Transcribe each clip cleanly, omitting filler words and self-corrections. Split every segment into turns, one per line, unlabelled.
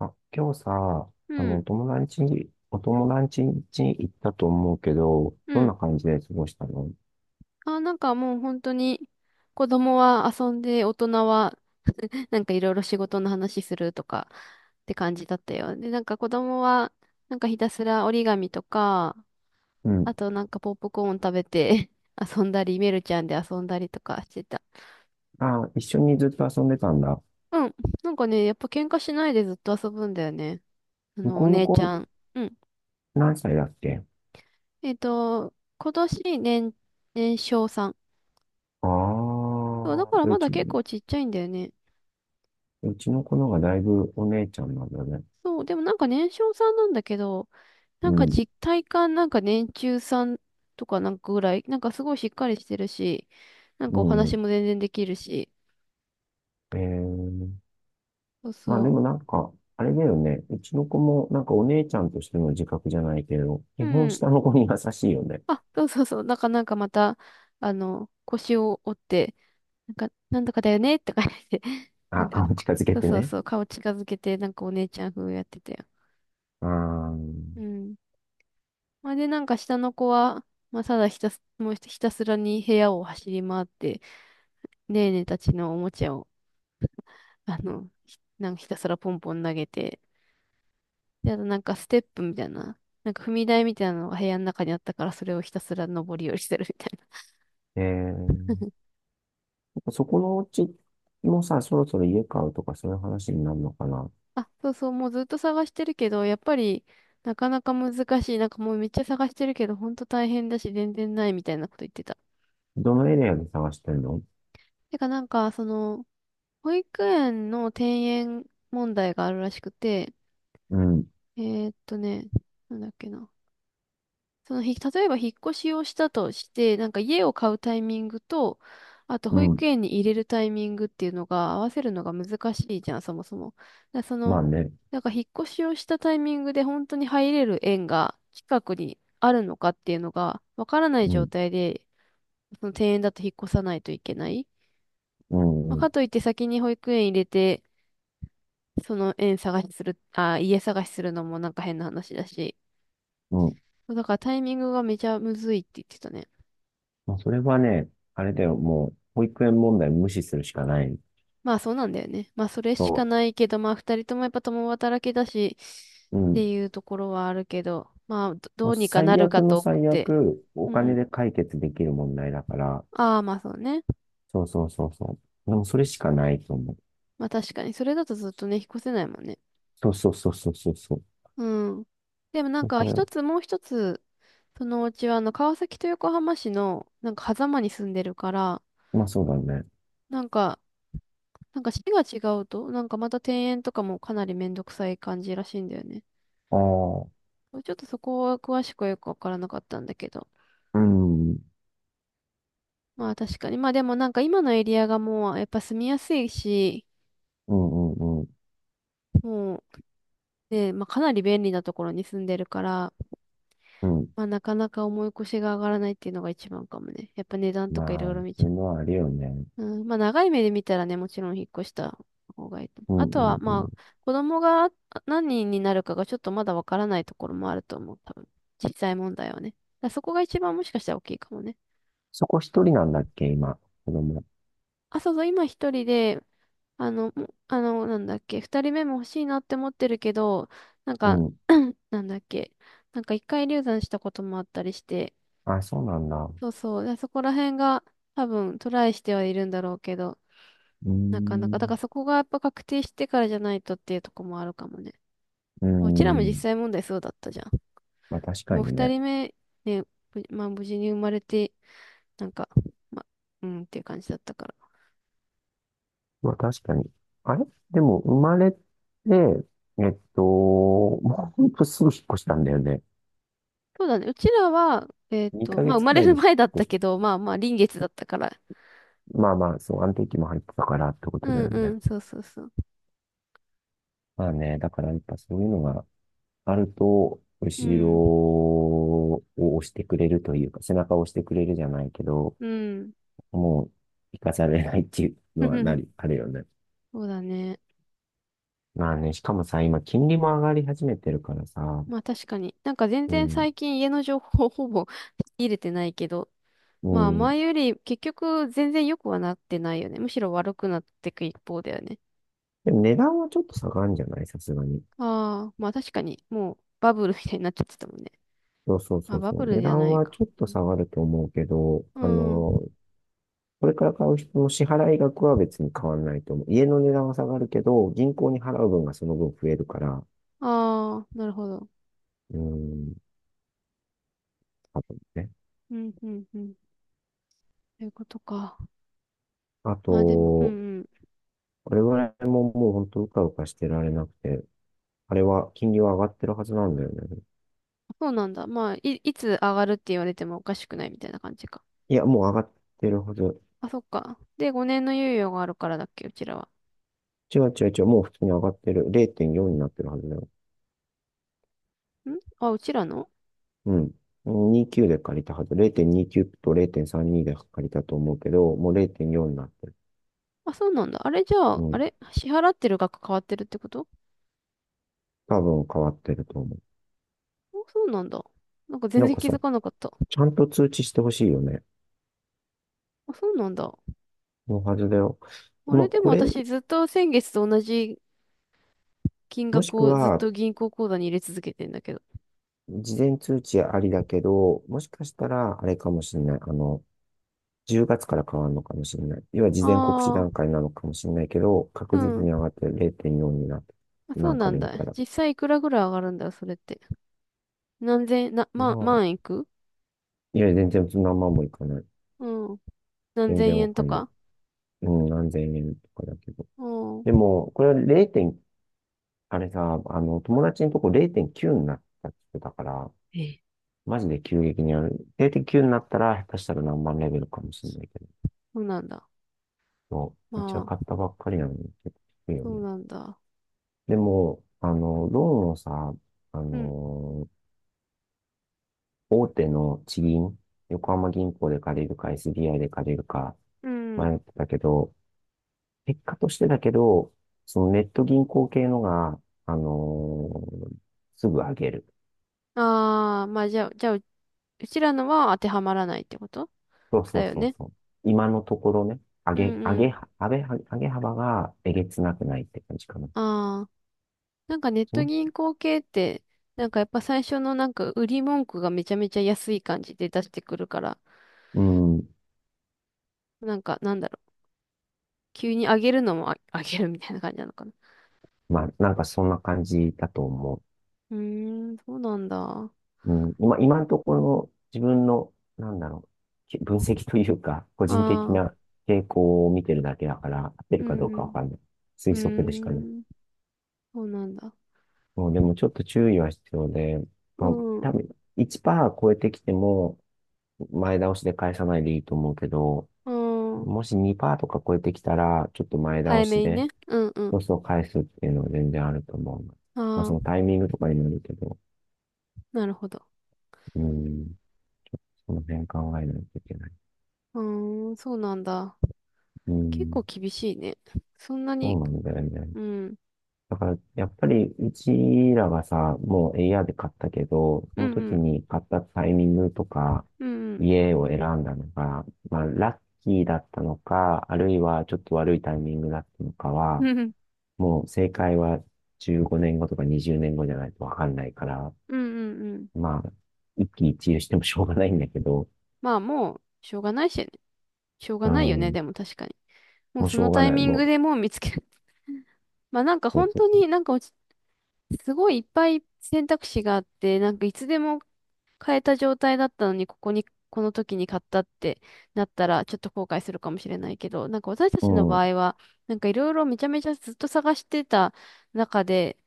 あ、今日さ、
う
お
ん。
友達に、行ったと思うけど、
う
どんな
ん。
感じで過ごしたの？
あ、なんかもう本当に、子供は遊んで、大人は、なんかいろいろ仕事の話するとか、って感じだったよ。で、なんか子供は、なんかひたすら折り紙とか、
うん。
あとなんかポップコーン食べて 遊んだり、メルちゃんで遊んだりとかしてた。
あ、一緒にずっと遊んでたんだ。
うん。なんかね、やっぱ喧嘩しないでずっと遊ぶんだよね。あ
向
の、お
こうの
姉ち
子、
ゃん。うん。
何歳だっけ？
今年年少さん。
ああ
そうだか
ー、
ら
でう
まだ
ち、
結構ちっちゃいんだよね。
うちの子の方がだいぶお姉ちゃんなんだね。
そう、でもなんか年少さんなんだけど、なん
う
か
ん、
実体感なんか年中さんとかなんかぐらい、なんかすごいしっかりしてるし、なん
う
かお話
ん。
も全然できるし、
えー、
そう
まあで
そ
もなんか、あれだよね。うちの子もなんかお姉ちゃんとしての自覚じゃないけど、
う。
基
う
本
ん。
下の子に優しいよね。
あ、そうそうそう。なんかまた、あの、腰を折って、なんか、なんとかだよねとか言って、な
あ、
んか、
顔
こ
近づけ
そう
て
そう
ね。
そう、顔近づけて、なんかお姉ちゃん風やってたよ。
ああ、
うん。まあ、で、なんか下の子は、まあ、ただひたす、もうひたすらに部屋を走り回って、ねえねえたちのおもちゃをあの、なんかひたすらポンポン投げて、で、あとなんかステップみたいな、なんか踏み台みたいなのが部屋の中にあったから、それをひたすら上り下りしてるみたい
えーそこのお家もさ、そろそろ家買うとかそういう話になるのかな。
な。あ、そうそう、もうずっと探してるけど、やっぱりなかなか難しい。なんかもうめっちゃ探してるけど、ほんと大変だし、全然ないみたいなこと言ってた。
どのエリアで探してんの？
てかなんか、その、保育園の転園問題があるらしくて、
うん、
えーっとね、なんだっけな。その、例えば引っ越しをしたとして、なんか家を買うタイミングと、あと
う
保育
ん。
園に入れるタイミングっていうのが合わせるのが難しいじゃん、そもそも。だそ
ま
の、
あね。
なんか引っ越しをしたタイミングで本当に入れる園が近くにあるのかっていうのがわからない
う
状
ん、
態で、その庭園だと引っ越さないといけない。
う
ま
ん、
あ、
うん。
かといって先に保育園入れて、その園探しする、あ、家探しするのもなんか変な話だし。
うん。
だからタイミングがめちゃむずいって言ってたね。
まあ、それはね、あれだよ、もう、保育園問題無視するしかない。
まあそうなんだよね。まあそれしか
そ
ないけど、まあ二人ともやっぱ共働きだし
う。う
って
ん。
いうところはあるけど、まあど
もう
うにかな
最
るか
悪の
と思っ
最
て。
悪、お
うんう
金
ん。
で解決できる問題だから、
ああまあそうね。
そうそうそうそう。でもそれしかないと思う。
まあ確かにそれだとずっとね、引っ越せないもんね。
そうそうそうそうそうそう。
うん。でもなんか
それ
もう一つ、そのうちはあの川崎と横浜市のなんか狭間に住んでるから、
まあそうだね。
なんか、市が違うと、なんかまた転園とかもかなりめんどくさい感じらしいんだよね。
ああ、
ちょっとそこは詳しくはよくわからなかったんだけど。
うん、うん、
まあ確かに。まあでもなんか今のエリアがもうやっぱ住みやすいし、
うん、うん。
もうね、まあかなり便利なところに住んでるから、
うん。
まあなかなか重い腰が上がらないっていうのが一番かもね。やっぱ値段と
ま
かいろ
あ、
いろ見
そう
ち
い
ゃ
うのはあるよね。
う。うん、まあ長い目で見たらね、もちろん引っ越した方がいいと思
う
う。
ん
あと
うん
は
うん。
まあ子供が何人になるかがちょっとまだわからないところもあると思う。多分。小さい問題はね。だからそこが一番もしかしたら大きいかもね。
そこ一人なんだっけ、今、子供？
あ、そうそう、今一人であの、なんだっけ、二人目も欲しいなって思ってるけど、なん
う
か、
ん。
なんだっけ、なんか一回流産したこともあったりして、
あ、そうなんだ。う
そうそう、でそこら辺が多分トライしてはいるんだろうけど、
ー
なかなか、だか
ん。
らそこがやっぱ確定してからじゃないとっていうとこもあるかもね。
うー
うちらも実
ん。
際問題そうだったじゃん。
まあ確か
もう
に
二
ね。
人目、ね、まあ無事に生まれて、なんか、まあ、うんっていう感じだったから。
まあ確かに。あれでも生まれて、もうほんとすぐ引っ越したんだよね。
そうだね。うちらは、
2
ま
ヶ
あ生
月
ま
く
れ
らいで
る
引
前だっ
っ
た
越し、
けど、まあまあ臨月だったから、
まあまあ、そう、安定期も入ってたからってこ
う
とだ
ん
よ
う
ね。
ん、そうそうそう。
まあね、だからやっぱそういうのがあると、
う
後ろ
ん、
を押してくれるというか、背中を押してくれるじゃないけど、
うん。
もう、生かされないっていうのはなり、あるよね。
そうだね。
まあね、しかもさ、今、金利も上がり始めてるからさ、
まあ確かに。なんか全
う
然
ん、
最近家の情報ほぼ入れてないけど、
う
まあ
ん。
前より結局全然良くはなってないよね。むしろ悪くなっていく一方だよね。
でも値段はちょっと下がるんじゃないさすがに。
ああ、まあ確かに、もうバブルみたいになっちゃってたもんね。
そうそうそ
あ、
う
バ
そ
ブ
う。
ル
値
じゃ
段
ない
は
か。
ちょっと下がると思うけど、
う
あ
ん。
の、これから買う人の支払い額は別に変わらないと思う。家の値段は下がるけど、銀行に払う分がその分増えるから、
ああ、なるほど。
うん、多分ね。
うん、うん、うん。ということか。
あ
まあでも、うん、
と、
うん。
我々ももう本当うかうかしてられなくて、あれは金利は上がってるはずなんだよね。
そうなんだ。まあ、いつ上がるって言われてもおかしくないみたいな感じか。
いや、もう上がってるはず。
あ、そっか。で、5年の猶予があるからだっけ、うちらは。
違う違う違う、もう普通に上がってる。0.4になってるはずだよ。
うちらの。
うん。29で借りたはず。0.29と0.32で借りたと思うけど、もう0.4になってる。
あ、そうなんだ。あれじゃ
う
あ、あ
ん。
れ支払ってる額変わってるってこと？
多分変わってると思う。
あ、そうなんだ。なんか全
なん
然
か
気
さ、
づかなかった。
ちゃんと通知してほしいよね。
あ、そうなんだ。
のはずだよ。
あ
まあ、
れで
こ
も
れ、
私ずっと先月と同じ金
もし
額
く
をずっ
は、
と銀行口座に入れ続けてんだけど。
事前通知ありだけど、もしかしたら、あれかもしれない。10月から変わるのかもしれない。要は事前告知
ああ、
段階なのかもしれないけど、
う
確実
ん。
に上がって0.4になって、
あ、そ
な
う
んか
な
で
ん
見
だ。
たら。
実際いくらぐらい上がるんだよ、それって。何千、
まあ、
万いく。
いや、全然そんなまんもいかない。
うん。何
全
千
然わ
円
か
と
んない。
か。
うん、何千円とかだけど。
う
で
ん。
も、これは 0. あれさ、友達のとこ0.9になったって言ってたから、
ええ。
マジで急激にある。0.9になったら、下手したら何万レベルかもしれないけど。
そうなんだ。
そ
ま
ううちは買っ
あ、
たばっかりなのに、結構低いよ
そう
ね。
なんだ。
でも、ローンをさ、あ
うん
の大手の地銀、横浜銀行で借りるか SBI で借りるか
うん。
迷ってたけど、結果としてだけど、そのネット銀行系のが、あのーすぐ上げる。
ああ、まあじゃあ、うちらのは当てはまらないってこと
そうそ
だ
う
よ
そう
ね。
そう。今のところね、
う
上げ、
ん
上
う
げ、
ん。
上げ、上げ幅がえげつなくないって感じかな。
ああ、なんかネッ
そ
ト
の
銀行系って、なんかやっぱ最初のなんか売り文句がめちゃめちゃ安い感じで出してくるから、
うん。
なんかなんだろう、急に上げるのもあ、上げるみたいな感じなのかな。
まあ、なんかそんな感じだと思う。
うーん、そうなんだ。あ
うん、今のところ自分の、なんだろう、分析というか、個人的
あ、
な傾向を見てるだけだから、合って
う
るかどうかわ
ん
かんない。推
う
測でしかな
ん。
い。
うーん、そうなんだ。
もうでもちょっと注意は必要で、
う
まあ、多
ん、
分1%超えてきても、前倒しで返さないでいいと思うけど、
うん。
もし2%とか超えてきたら、ちょっと前倒
早
し
めに
で、
ね。うんう
そ
ん。
うそう返すっていうのは全然あると思う。まあ、そ
ああ、
のタイミングとかにもよるけど、
なるほど。
うん、その辺考えないといけない。
うーん、そうなんだ。
う
結
ん。
構厳しいね。そんな
そ
に、
うなんだよね。
うん、
だから、やっぱり、うちらがさ、もうエイアールで買ったけど、そ
うん、
の
う
時
ん、
に買ったタイミングとか、
うん、
家を選んだのが、まあ、ラッキーだったのか、あるいはちょっと悪いタイミングだったのか
うん、
は、
うん、うん、
もう正解は15年後とか20年後じゃないとわかんないから、
うんうん。
まあ、一喜一憂してもしょうがないんだけど、
まあもう、しょうがないしね。しょうが
う
ないよね、
ん、
でも確かに。もう
もう
そ
しょ
の
うが
タイ
ない、
ミン
も
グ
う、
でもう見つける。まあなんか
そう
本
そう
当
そ
になんかすごいいっぱい選択肢があって、なんかいつでも変えた状態だったのに、この時に買ったってなったら、ちょっと後悔するかもしれないけど、なんか私たちの
う。
場合は、なんかいろいろめちゃめちゃずっと探してた中で、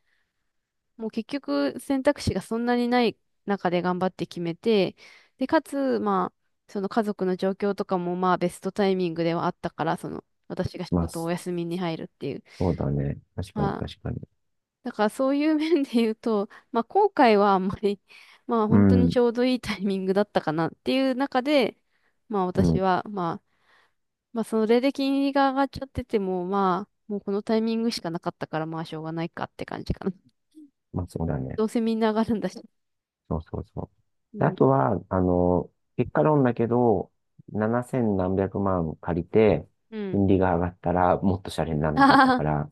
もう結局選択肢がそんなにない中で頑張って決めて、で、かつ、まあ、その家族の状況とかもまあベストタイミングではあったから、その私が仕
うん、まあ、
事を
そ
お休みに入るっていう。
うだね。確かに
まあ、
確かに。
だからそういう面で言うと、まあ後悔はあんまり、まあ
う
本当に
ん、
ちょうどいいタイミングだったかなっていう中で、まあ
う
私
ん。
は、まあ、まあそれで金利が上がっちゃってても、まあ、もうこのタイミングしかなかったから、まあしょうがないかって感じかな。
まあそうだね。
どうせみんな上がるんだし。
そうそうそ
う
う。あ
ん。
とは、あの、結果論だけど、7千何百万借りて、
うん。
金利が上がったらもっとシャレにな らなかった
あ
か
あ、
ら、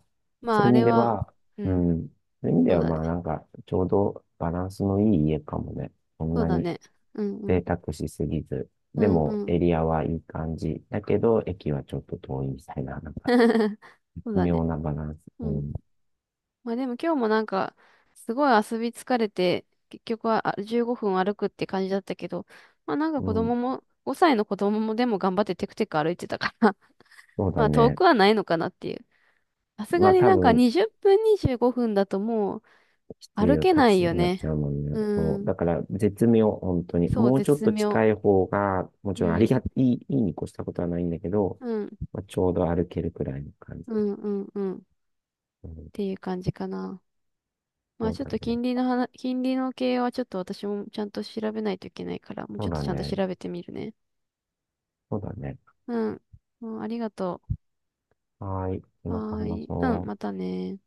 そ
まあ
うい
あ
う意味
れ
で
は、
は、
う
う
ん、
ん、そういう意味
そ
で
う
は
だね。
まあなんか、ちょうどバランスのいい家かもね。そん
そう
な
だ
に
ね。うんう
贅
ん。
沢しすぎず。
う
で
んう
も、
ん。
エリアはいい感じ。だけど、駅はちょっと遠いみたいな、なんか、
そう
微
だ
妙
ね。
なバランス。
う
う
ん。
ん。
まあでも今日もなんか、すごい遊び疲れて、結局は15分歩くって感じだったけど、まあなんか
う
子供
ん。
も、5歳の子供もでも頑張ってテクテク歩いてたから
そう だ
まあ遠
ね。
くはないのかなっていう。さす
ま
が
あ、
に
多
なんか
分、
20分25分だともう
きつい
歩
よ、
け
タ
な
ク
い
シー
よ
になっちゃ
ね。
うもんね。
う
そう。
ん。
だから、絶妙、本当に。
そう、
もうちょっ
絶
と
妙。
近い方が、も
う
ちろんありが、
ん。
いいに越したことはないんだけど、
うん。
まあ、ちょうど歩けるくらいの感じ
う
だ。
んうんうん。
うん、
ていう感じかな。ま
そ
あ
う
ちょっ
だ
と
ね。
金利の系はちょっと私もちゃんと調べないといけないから、もうち
そ
ょ
う
っと
だ
ちゃんと調
ね。
べてみるね。
そうだね。
うん。うん、ありがと
はーい。
う。
また
はー
話
い。うん、
そ
ま
う。
たね。